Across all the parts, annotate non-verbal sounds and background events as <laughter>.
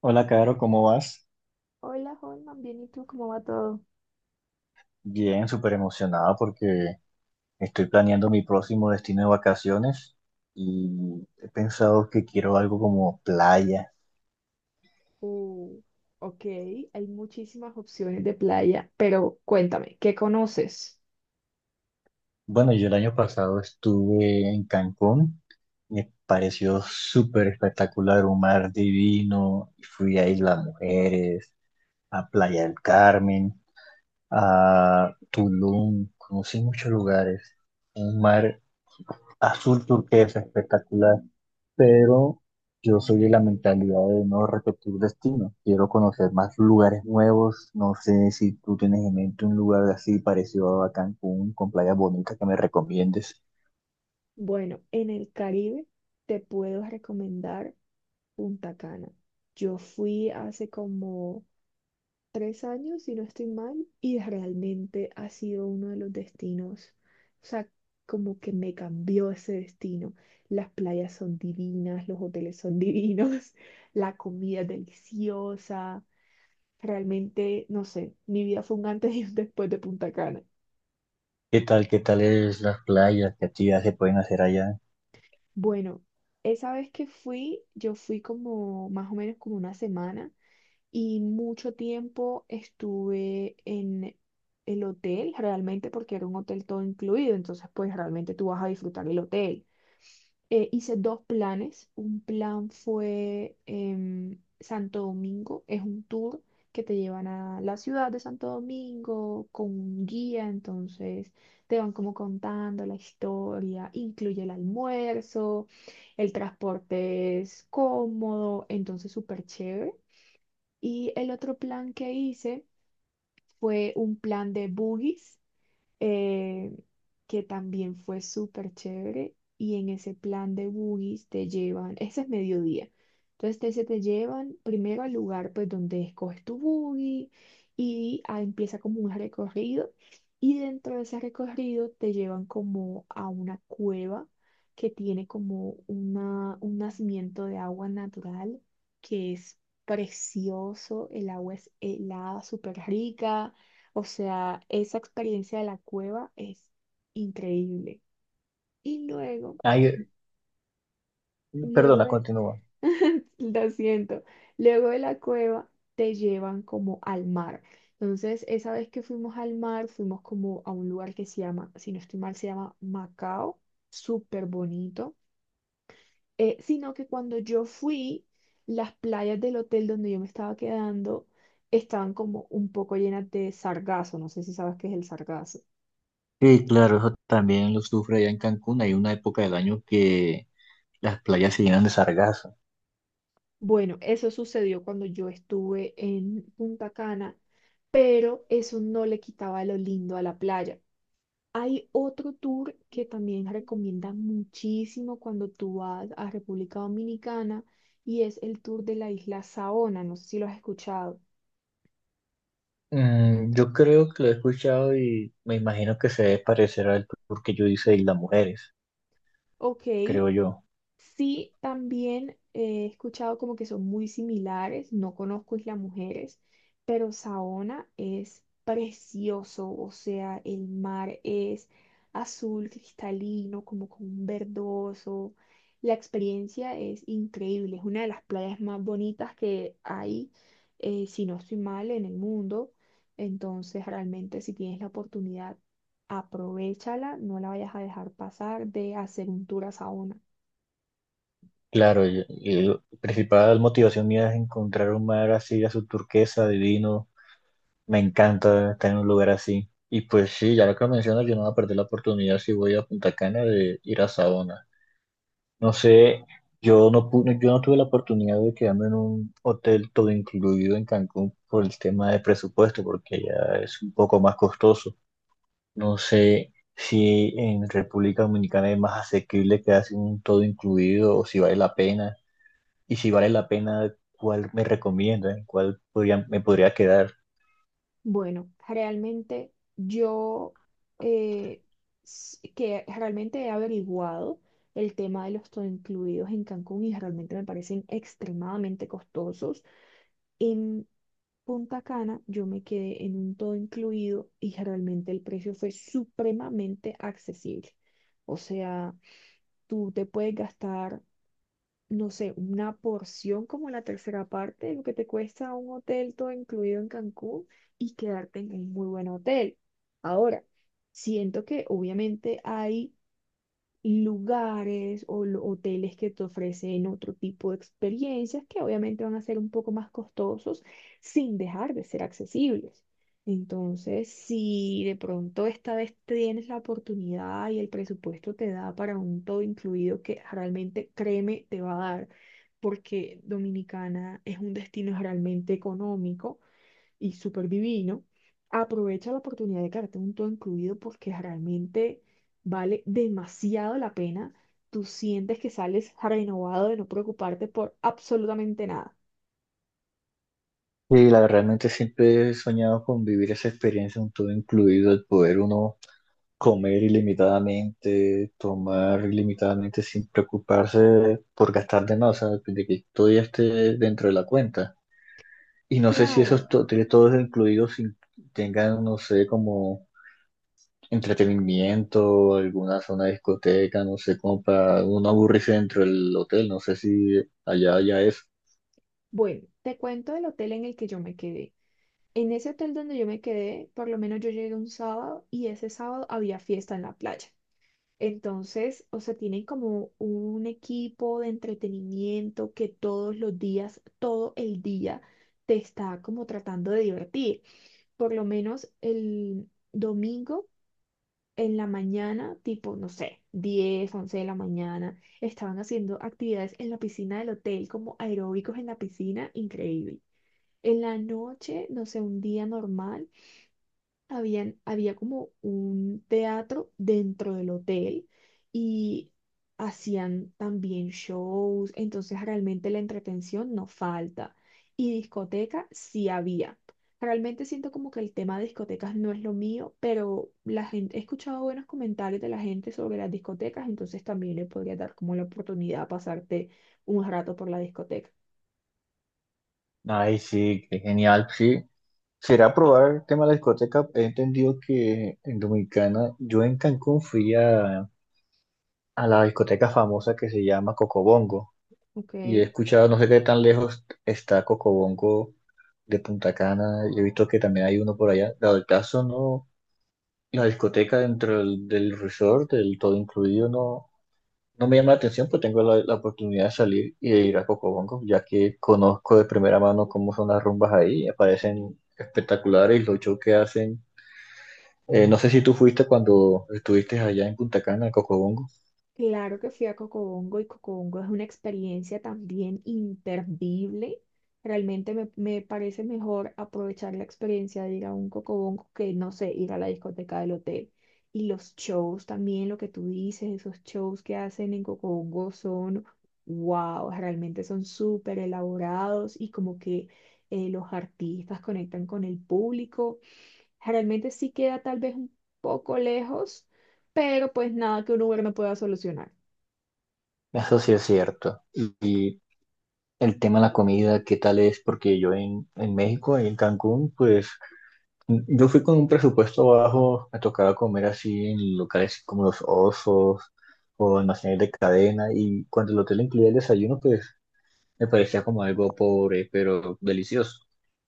Hola, Caro, ¿cómo vas? Hola, Holman, bien, ¿y tú cómo va todo? Bien, súper emocionada porque estoy planeando mi próximo destino de vacaciones y he pensado que quiero algo como playa. Uh, ok, hay muchísimas opciones de playa, pero cuéntame, ¿qué conoces? Bueno, yo el año pasado estuve en Cancún, me pareció súper espectacular, un mar divino, fui a Isla Mujeres, a Playa del Carmen, a Tulum, conocí muchos lugares, un mar azul turquesa espectacular. Pero yo soy de la mentalidad de no repetir destino. Quiero conocer más lugares nuevos. No sé si tú tienes en mente un lugar así parecido a Cancún, con playas bonitas que me recomiendes. Bueno, en el Caribe te puedo recomendar Punta Cana. Yo fui hace como 3 años, si no estoy mal, y realmente ha sido uno de los destinos, o sea, como que me cambió ese destino. Las playas son divinas, los hoteles son divinos, <laughs> la comida es deliciosa. Realmente, no sé, mi vida fue un antes y un después de Punta Cana. Qué tal es las playas? ¿Qué actividades se pueden hacer allá? Bueno, esa vez que fui, yo fui como más o menos como una semana y mucho tiempo estuve en el hotel, realmente porque era un hotel todo incluido, entonces pues realmente tú vas a disfrutar el hotel. Hice dos planes. Un plan fue Santo Domingo, es un tour que te llevan a la ciudad de Santo Domingo con un guía, entonces te van como contando la historia, incluye el almuerzo, el transporte es cómodo, entonces súper chévere. Y el otro plan que hice fue un plan de boogies eh, que también fue súper chévere. Y en ese plan de boogies te llevan, ese es mediodía. Entonces te, se te llevan primero al lugar pues donde escoges tu boogie y ah, empieza como un recorrido. Y dentro de ese recorrido te llevan como a una cueva que tiene como un nacimiento de agua natural que es precioso, el agua es helada, súper rica, o sea, esa experiencia de la cueva es increíble. Y luego, Ay, luego perdona, de, continúa. <laughs> lo siento, luego de la cueva te llevan como al mar. Entonces, esa vez que fuimos al mar, fuimos como a un lugar que se llama, si no estoy mal, se llama Macao, súper bonito. Sino que cuando yo fui, las playas del hotel donde yo me estaba quedando estaban como un poco llenas de sargazo. No sé si sabes qué es el sargazo. Sí, claro, eso también lo sufre allá en Cancún. Hay una época del año que las playas se llenan de sargazo. Bueno, eso sucedió cuando yo estuve en Punta Cana, pero eso no le quitaba lo lindo a la playa. Hay otro tour que también recomienda muchísimo cuando tú vas a República Dominicana y es el tour de la isla Saona. No sé si lo has escuchado. Mm, yo creo que lo he escuchado y me imagino que se debe parecer al tour que yo hice de Islas Mujeres. Ok. Creo yo. Sí, también he escuchado como que son muy similares, no conozco Isla Mujeres, pero Saona es precioso, o sea, el mar es azul cristalino, como con un verdoso. La experiencia es increíble, es una de las playas más bonitas que hay, si no estoy mal, en el mundo. Entonces, realmente si tienes la oportunidad, aprovéchala, no la vayas a dejar pasar de hacer un tour a Saona. Claro, y la principal motivación mía es encontrar un mar así, azul turquesa, divino. Me encanta estar en un lugar así. Y pues sí, ya lo que mencionas, yo no voy a perder la oportunidad si voy a Punta Cana de ir a Saona. No sé, yo no pude, yo no tuve la oportunidad de quedarme en un hotel todo incluido en Cancún por el tema de presupuesto, porque ya es un poco más costoso. No sé si en República Dominicana es más asequible quedarse en un todo incluido o si vale la pena. Y si vale la pena, cuál me recomiendan, cuál podría, me podría quedar. Bueno, realmente yo eh, que realmente he averiguado el tema de los todo incluidos en Cancún y realmente me parecen extremadamente costosos. En Punta Cana yo me quedé en un todo incluido y realmente el precio fue supremamente accesible. O sea, tú te puedes gastar, no sé, una porción como la tercera parte de lo que te cuesta un hotel todo incluido en Cancún y quedarte en un muy buen hotel. Ahora, siento que obviamente hay lugares o hoteles que te ofrecen otro tipo de experiencias que obviamente van a ser un poco más costosos sin dejar de ser accesibles. Entonces, si de pronto esta vez tienes la oportunidad y el presupuesto te da para un todo incluido que realmente, créeme, te va a dar, porque Dominicana es un destino realmente económico y súper divino, aprovecha la oportunidad de quedarte un todo incluido porque realmente vale demasiado la pena. Tú sientes que sales renovado de no preocuparte por absolutamente nada. Y la verdad, realmente siempre he soñado con vivir esa experiencia, un todo incluido, el poder uno comer ilimitadamente, tomar ilimitadamente sin preocuparse por gastar de más, o sea, de que todo ya esté dentro de la cuenta. Y no sé si Claro. esos tiene todos incluidos tengan, no sé, como entretenimiento, alguna zona de discoteca, no sé, como para uno aburrirse dentro del hotel, no sé si allá ya es. Bueno, te cuento del hotel en el que yo me quedé. En ese hotel donde yo me quedé, por lo menos yo llegué un sábado y ese sábado había fiesta en la playa. Entonces, o sea, tienen como un equipo de entretenimiento que todos los días, todo el día, te está como tratando de divertir. Por lo menos el domingo en la mañana, tipo, no sé, 10 11 de la mañana, estaban haciendo actividades en la piscina del hotel, como aeróbicos en la piscina, increíble. En la noche, no sé, un día normal había como un teatro dentro del hotel y hacían también shows, entonces realmente la entretención no falta. Y discoteca sí había. Realmente siento como que el tema de discotecas no es lo mío, pero la gente, he escuchado buenos comentarios de la gente sobre las discotecas, entonces también le podría dar como la oportunidad a pasarte un rato por la discoteca. Ay, sí, qué genial, sí. Será probar el tema de la discoteca. He entendido que en Dominicana, yo en Cancún a la discoteca famosa que se llama Cocobongo, Ok. y he escuchado, no sé qué tan lejos está Cocobongo de Punta Cana, y he visto que también hay uno por allá. Dado el caso, no, la discoteca del resort, del todo incluido, no me llama la atención, pero tengo la oportunidad de salir y de ir a Cocobongo, ya que conozco de primera mano cómo son las rumbas ahí, me parecen espectaculares y los shows que hacen. No sé si tú fuiste cuando estuviste allá en Punta Cana, en Cocobongo. Claro que fui a Cocobongo y Cocobongo es una experiencia también imperdible. Realmente me parece mejor aprovechar la experiencia de ir a un Cocobongo que, no sé, ir a la discoteca del hotel. Y los shows también, lo que tú dices, esos shows que hacen en Cocobongo son, wow, realmente son súper elaborados y como que los artistas conectan con el público. Realmente sí queda tal vez un poco lejos, pero pues nada que un Uber no pueda solucionar. Eso sí es cierto. Y el tema de la comida, ¿qué tal es? Porque yo en México, en Cancún, pues yo fui con un presupuesto bajo, me tocaba comer así en locales como los osos o almacenes de cadena y cuando el hotel incluía el desayuno, pues me parecía como algo pobre, pero delicioso.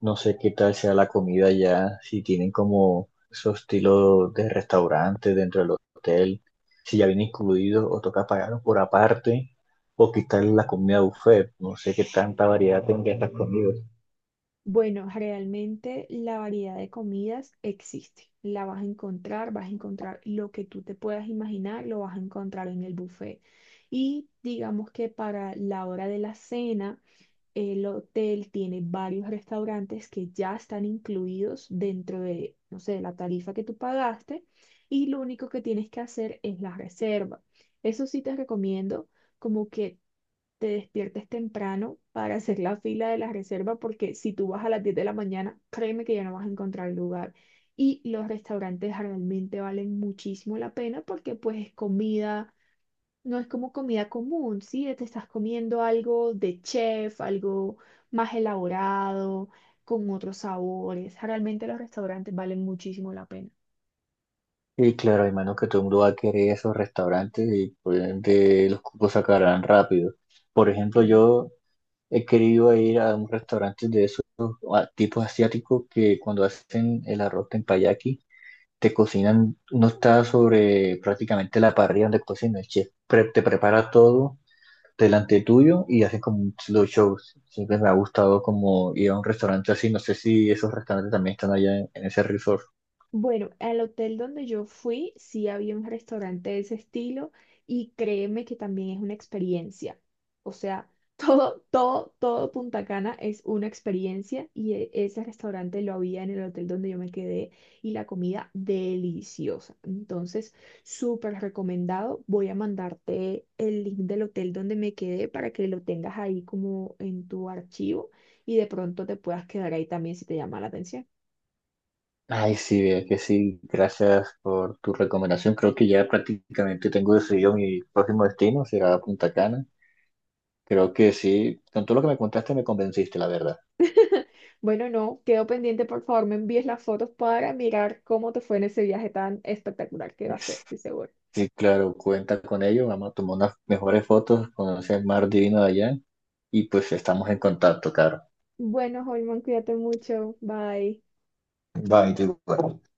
No sé qué tal sea la comida ya, si tienen como esos estilos de restaurante dentro del hotel, si ya viene incluido o toca pagarlo por aparte, o quitar la comida buffet. No sé qué tanta variedad tenga estas comidas. Bueno, realmente la variedad de comidas existe. La vas a encontrar lo que tú te puedas imaginar, lo vas a encontrar en el buffet. Y digamos que para la hora de la cena, el hotel tiene varios restaurantes que ya están incluidos dentro de, no sé, la tarifa que tú pagaste y lo único que tienes que hacer es la reserva. Eso sí te recomiendo como que te despiertes temprano para hacer la fila de la reserva, porque si tú vas a las 10 de la mañana, créeme que ya no vas a encontrar lugar. Y los restaurantes realmente valen muchísimo la pena porque pues es comida, no es como comida común, ¿sí? Te estás comiendo algo de chef, algo más elaborado, con otros sabores. Realmente los restaurantes valen muchísimo la pena. Y claro, hermano, que todo el mundo va a querer esos restaurantes y por ende los cupos sacarán rápido. Por ejemplo, Sí. yo he querido ir a un restaurante de esos tipos asiáticos que cuando hacen el arroz tempayaki te cocinan, no está sobre prácticamente la parrilla donde cocina el chef, te prepara todo delante tuyo y hacen como un slow show. Siempre me ha gustado como ir a un restaurante así, no sé si esos restaurantes también están allá en ese resort. Bueno, al hotel donde yo fui, sí había un restaurante de ese estilo y créeme que también es una experiencia. O sea, <laughs> todo, todo, todo Punta Cana es una experiencia y ese restaurante lo había en el hotel donde yo me quedé y la comida deliciosa. Entonces, súper recomendado. Voy a mandarte el link del hotel donde me quedé para que lo tengas ahí como en tu archivo y de pronto te puedas quedar ahí también si te llama la atención. Ay, sí, vea que sí, gracias por tu recomendación. Creo que ya prácticamente tengo decidido mi próximo destino, será Punta Cana. Creo que sí, con todo lo que me contaste me convenciste, la verdad. Bueno, no, quedo pendiente, por favor, me envíes las fotos para mirar cómo te fue en ese viaje tan espectacular que va a ser, <laughs> estoy seguro. Sí, claro, cuenta con ello, vamos a tomar unas mejores fotos, conocer el mar divino de allá y pues estamos en contacto, Caro. Bueno, Holman, cuídate mucho, bye. Bye, te-